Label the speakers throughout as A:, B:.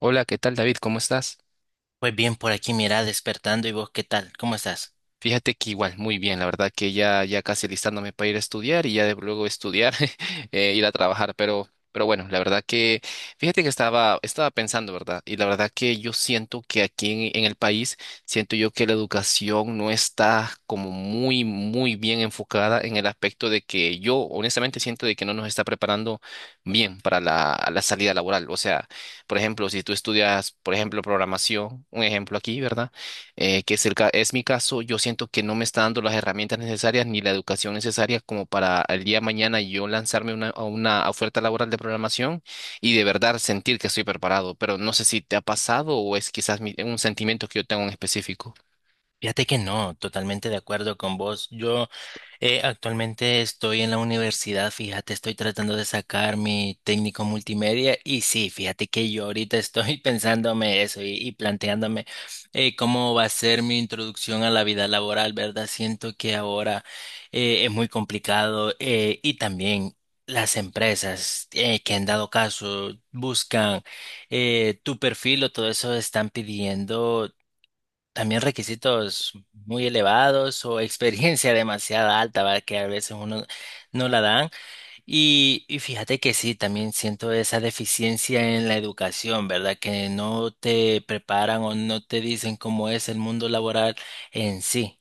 A: Hola, ¿qué tal, David? ¿Cómo estás?
B: Pues bien, por aquí mira, despertando y vos, ¿qué tal? ¿Cómo estás?
A: Fíjate que igual, muy bien, la verdad que ya casi listándome para ir a estudiar y ya de luego estudiar, ir a trabajar, pero bueno, la verdad que, fíjate que estaba pensando, ¿verdad? Y la verdad que yo siento que aquí en el país, siento yo que la educación no está como muy bien enfocada en el aspecto de que yo honestamente siento de que no nos está preparando bien para la salida laboral. O sea, por ejemplo, si tú estudias, por ejemplo, programación, un ejemplo aquí, ¿verdad? Que es, es mi caso, yo siento que no me está dando las herramientas necesarias ni la educación necesaria como para el día de mañana yo lanzarme a una oferta laboral de programación y de verdad sentir que estoy preparado, pero no sé si te ha pasado o es quizás un sentimiento que yo tengo en específico.
B: Fíjate que no, totalmente de acuerdo con vos. Yo Actualmente estoy en la universidad, fíjate, estoy tratando de sacar mi técnico multimedia y sí, fíjate que yo ahorita estoy pensándome eso y planteándome cómo va a ser mi introducción a la vida laboral, ¿verdad? Siento que ahora es muy complicado y también... Las empresas que han dado caso buscan tu perfil o todo eso están pidiendo también requisitos muy elevados o experiencia demasiada alta, ¿verdad? Que a veces uno no la dan. Y fíjate que sí, también siento esa deficiencia en la educación, ¿verdad? Que no te preparan o no te dicen cómo es el mundo laboral en sí.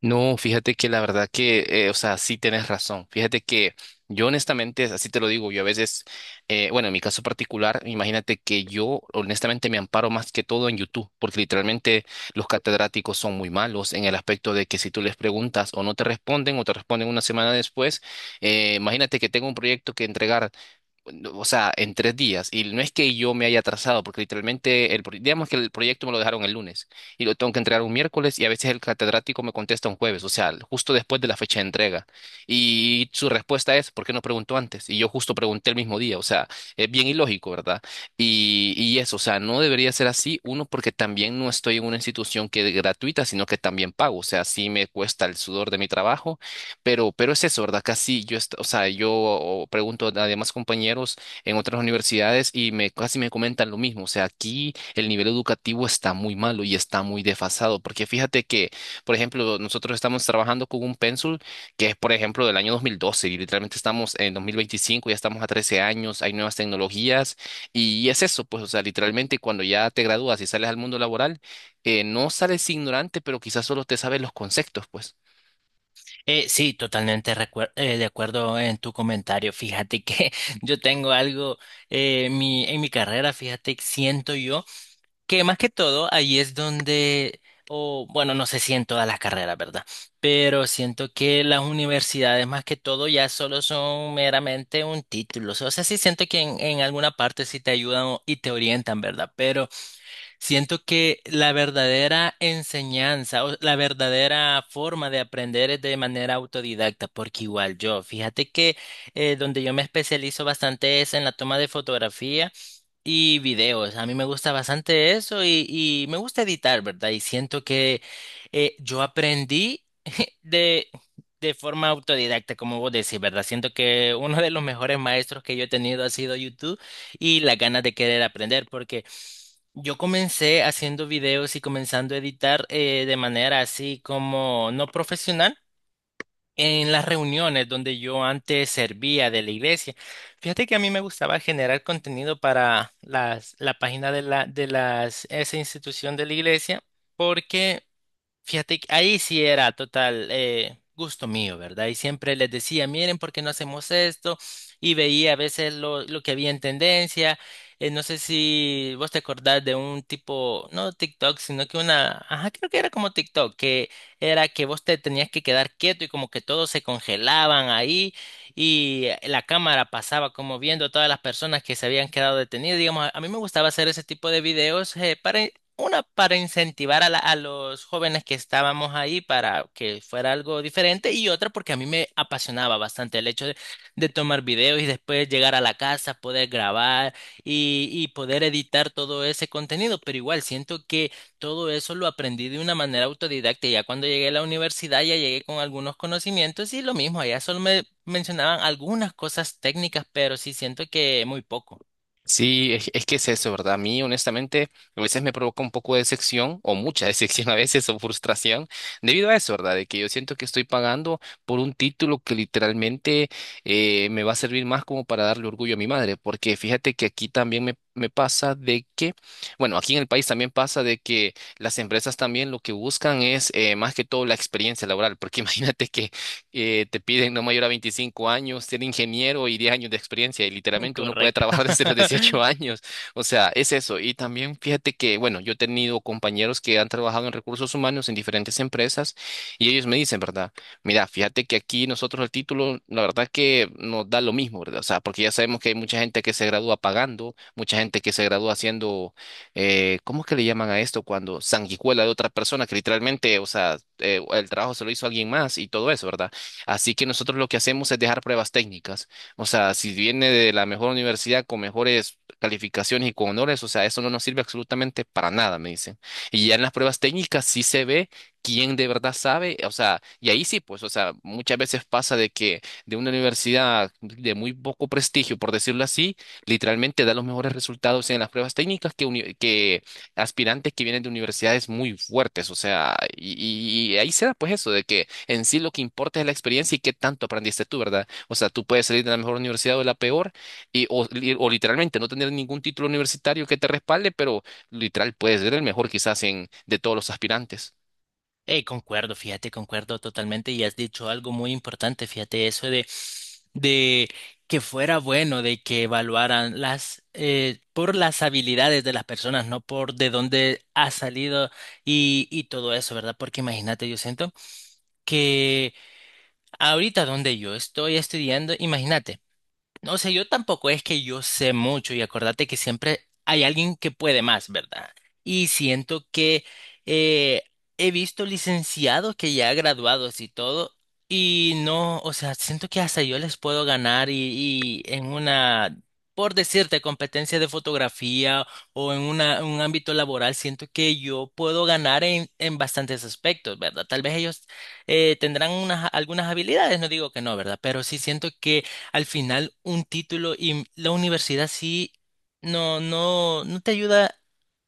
A: No, fíjate que la verdad que, o sea, sí tienes razón. Fíjate que yo honestamente, así te lo digo, yo a veces, bueno, en mi caso particular, imagínate que yo honestamente me amparo más que todo en YouTube, porque literalmente los catedráticos son muy malos en el aspecto de que si tú les preguntas o no te responden o te responden una semana después, imagínate que tengo un proyecto que entregar no, o sea, en tres días. Y no es que yo me haya atrasado, porque literalmente, digamos que el proyecto me lo dejaron el lunes y lo tengo que entregar un miércoles y a veces el catedrático me contesta un jueves, o sea, justo después de la fecha de entrega. Y su respuesta es, ¿por qué no preguntó antes? Y yo justo pregunté el mismo día, o sea, es bien ilógico, ¿verdad? Y eso, o sea, no debería ser así, uno, porque también no estoy en una institución que es gratuita, sino que también pago, o sea, sí me cuesta el sudor de mi trabajo, pero es eso, ¿verdad? Casi yo, o sea, yo pregunto a demás compañeros en otras universidades y me, casi me comentan lo mismo. O sea, aquí el nivel educativo está muy malo y está muy desfasado, porque fíjate que, por ejemplo, nosotros estamos trabajando con un pénsul que es, por ejemplo, del año 2012 y literalmente estamos en 2025, ya estamos a 13 años, hay nuevas tecnologías y es eso, pues, o sea, literalmente cuando ya te gradúas y sales al mundo laboral, no sales ignorante, pero quizás solo te sabes los conceptos, pues.
B: Sí, totalmente de acuerdo en tu comentario. Fíjate que yo tengo algo en mi carrera, fíjate, siento yo. Que más que todo, ahí es donde, o bueno, no sé si en todas las carreras, ¿verdad? Pero siento que las universidades más que todo ya solo son meramente un título. O sea, sí siento que en alguna parte sí te ayudan y te orientan, ¿verdad? Pero siento que la verdadera enseñanza o la verdadera forma de aprender es de manera autodidacta, porque igual yo, fíjate que donde yo me especializo bastante es en la toma de fotografía. Y videos, a mí me gusta bastante eso y me gusta editar, ¿verdad? Y siento que yo aprendí de, de forma autodidacta, como vos decís, ¿verdad? Siento que uno de los mejores maestros que yo he tenido ha sido YouTube y las ganas de querer aprender, porque yo comencé haciendo videos y comenzando a editar de manera así como no profesional. En las reuniones donde yo antes servía de la iglesia, fíjate que a mí me gustaba generar contenido para la página de esa institución de la iglesia, porque fíjate que ahí sí era total gusto mío, ¿verdad? Y siempre les decía, miren, ¿por qué no hacemos esto? Y veía a veces lo que había en tendencia. No sé si vos te acordás de un tipo, no TikTok, sino que una, ajá, creo que era como TikTok, que era que vos te tenías que quedar quieto y como que todos se congelaban ahí y la cámara pasaba como viendo a todas las personas que se habían quedado detenidas. Digamos, a mí me gustaba hacer ese tipo de videos para una, para incentivar a los jóvenes que estábamos ahí para que fuera algo diferente y otra porque a mí me apasionaba bastante el hecho de tomar videos y después llegar a la casa, poder grabar y poder editar todo ese contenido. Pero igual siento que todo eso lo aprendí de una manera autodidacta. Ya cuando llegué a la universidad ya llegué con algunos conocimientos y lo mismo, allá solo me mencionaban algunas cosas técnicas, pero sí siento que muy poco.
A: Sí, es que es eso, ¿verdad? A mí, honestamente, a veces me provoca un poco de decepción, o mucha decepción a veces, o frustración, debido a eso, ¿verdad? De que yo siento que estoy pagando por un título que literalmente me va a servir más como para darle orgullo a mi madre, porque fíjate que aquí también me pasa de que, bueno, aquí en el país también pasa de que las empresas también lo que buscan es más que todo la experiencia laboral, porque imagínate que te piden no mayor a 25 años, ser ingeniero y 10 años de experiencia, y literalmente uno puede
B: Correcto.
A: trabajar desde los 18 años. O sea, es eso. Y también fíjate que, bueno, yo he tenido compañeros que han trabajado en recursos humanos en diferentes empresas y ellos me dicen, ¿verdad? Mira, fíjate que aquí nosotros el título, la verdad que nos da lo mismo, ¿verdad? O sea, porque ya sabemos que hay mucha gente que se gradúa pagando, mucha gente que se gradúa haciendo, ¿cómo es que le llaman a esto? Cuando sanguijuela de otra persona, que literalmente, o sea, el trabajo se lo hizo alguien más y todo eso, ¿verdad? Así que nosotros lo que hacemos es dejar pruebas técnicas. O sea, si viene de la mejor universidad con mejores calificaciones y con honores, o sea, eso no nos sirve absolutamente para nada, me dicen. Y ya en las pruebas técnicas sí se ve quién de verdad sabe, o sea, y ahí sí, pues, o sea, muchas veces pasa de que de una universidad de muy poco prestigio, por decirlo así, literalmente da los mejores resultados en las pruebas técnicas que, que aspirantes que vienen de universidades muy fuertes, o sea, y ahí se da pues eso de que en sí lo que importa es la experiencia y qué tanto aprendiste tú, ¿verdad? O sea, tú puedes salir de la mejor universidad o de la peor y, o, o literalmente no tener ningún título universitario que te respalde, pero literal puedes ser el mejor quizás en, de todos los aspirantes.
B: Concuerdo, fíjate, concuerdo totalmente y has dicho algo muy importante, fíjate, eso de que fuera bueno, de que evaluaran por las habilidades de las personas, no por de dónde ha salido y todo eso, ¿verdad? Porque imagínate, yo siento que ahorita donde yo estoy estudiando, imagínate. No sé, yo tampoco es que yo sé mucho y acordate que siempre hay alguien que puede más, ¿verdad? Y siento que eh, he visto licenciados que ya graduados y todo, y no, o sea, siento que hasta yo les puedo ganar y en una, por decirte, competencia de fotografía o en una, un ámbito laboral, siento que yo puedo ganar en bastantes aspectos, ¿verdad? Tal vez ellos tendrán unas, algunas habilidades, no digo que no, ¿verdad? Pero sí siento que al final un título y la universidad sí no te ayuda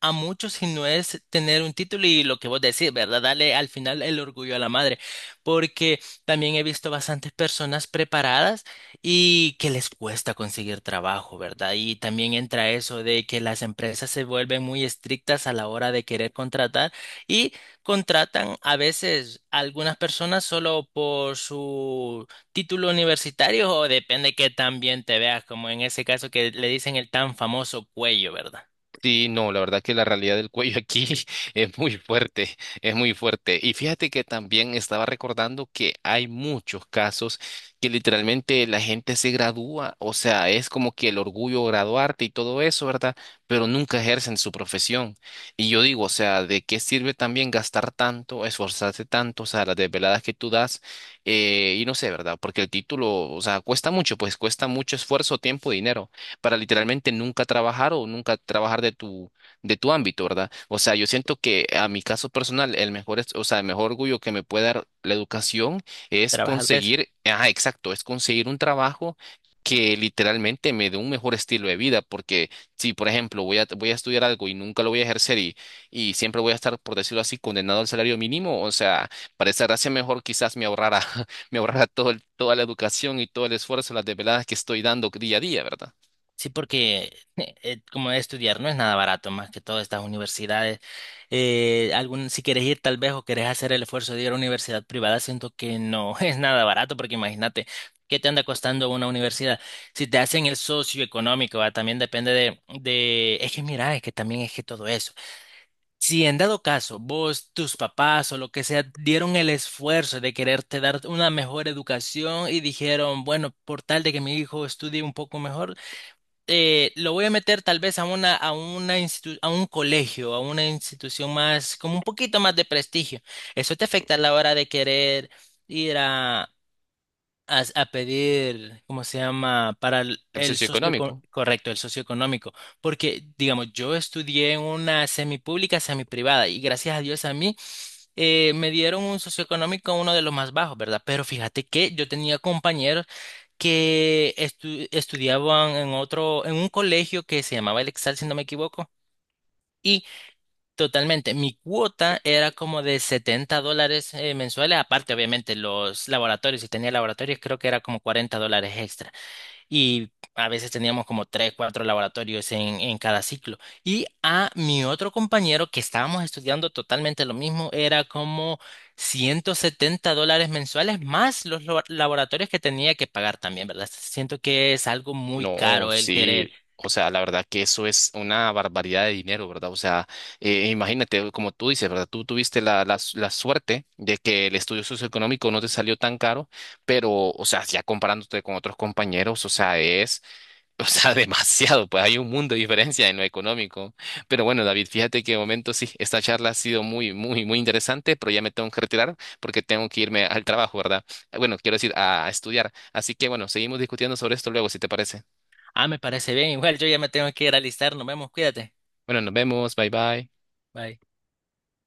B: a mucho si no es tener un título y lo que vos decís, ¿verdad? Dale al final el orgullo a la madre, porque también he visto bastantes personas preparadas y que les cuesta conseguir trabajo, ¿verdad? Y también entra eso de que las empresas se vuelven muy estrictas a la hora de querer contratar y contratan a veces a algunas personas solo por su título universitario o depende que tan bien te veas, como en ese caso que le dicen el tan famoso cuello, ¿verdad?
A: Sí, no, la verdad que la realidad del cuello aquí es muy fuerte, es muy fuerte. Y fíjate que también estaba recordando que hay muchos casos que literalmente la gente se gradúa, o sea, es como que el orgullo graduarte y todo eso, ¿verdad? Pero nunca ejercen su profesión. Y yo digo, o sea, ¿de qué sirve también gastar tanto, esforzarse tanto, o sea, las desveladas que tú das? Y no sé, ¿verdad? Porque el título, o sea, cuesta mucho, pues cuesta mucho esfuerzo, tiempo, dinero para literalmente nunca trabajar o nunca trabajar de de tu ámbito, ¿verdad? O sea, yo siento que a mi caso personal, el mejor, o sea, el mejor orgullo que me puede dar la educación es
B: Trabajar de eso.
A: conseguir, ajá, exacto, es conseguir un trabajo que literalmente me dé un mejor estilo de vida, porque si, por ejemplo, voy a estudiar algo y nunca lo voy a ejercer y siempre voy a estar, por decirlo así, condenado al salario mínimo, o sea, para esa gracia mejor quizás me ahorrara, me ahorrara toda la educación y todo el esfuerzo, las desveladas que estoy dando día a día, ¿verdad?
B: Sí, porque como estudiar no es nada barato, más que todas estas universidades. Si quieres ir tal vez o quieres hacer el esfuerzo de ir a una universidad privada, siento que no es nada barato, porque imagínate, ¿qué te anda costando una universidad? Si te hacen el socioeconómico, ¿va? También depende de, es que mira, es que también es que todo eso. Si en dado caso vos, tus papás o lo que sea dieron el esfuerzo de quererte dar una mejor educación y dijeron, bueno, por tal de que mi hijo estudie un poco mejor, lo voy a meter tal vez a una, a un colegio, a una institución más, como un poquito más de prestigio. Eso te afecta a la hora de querer ir a pedir, ¿cómo se llama? Para
A: El
B: el
A: socioeconómico.
B: correcto, el socioeconómico. Porque, digamos, yo estudié en una semipública, semiprivada, y gracias a Dios a mí me dieron un socioeconómico uno de los más bajos, ¿verdad? Pero fíjate que yo tenía compañeros que estudiaban en otro, en un colegio que se llamaba El Exal, si no me equivoco. Totalmente. Mi cuota era como de 70 dólares mensuales, aparte obviamente los laboratorios, si tenía laboratorios creo que era como 40 dólares extra. Y a veces teníamos como 3, 4 laboratorios en cada ciclo. Y a mi otro compañero que estábamos estudiando totalmente lo mismo, era como 170 dólares mensuales más los laboratorios que tenía que pagar también, ¿verdad? Siento que es algo muy
A: No,
B: caro el
A: sí.
B: querer.
A: O sea, la verdad que eso es una barbaridad de dinero, ¿verdad? O sea, imagínate, como tú dices, ¿verdad? Tú tuviste la suerte de que el estudio socioeconómico no te salió tan caro, pero, o sea, ya comparándote con otros compañeros, o sea, es... O sea, demasiado, pues hay un mundo de diferencia en lo económico. Pero bueno, David, fíjate que de momento sí, esta charla ha sido muy, muy, muy interesante, pero ya me tengo que retirar porque tengo que irme al trabajo, ¿verdad? Bueno, quiero decir, a estudiar. Así que bueno, seguimos discutiendo sobre esto luego, si te parece.
B: Ah, me parece bien, igual yo ya me tengo que ir a alistar, nos vemos, cuídate.
A: Bueno, nos vemos, bye bye.
B: Bye.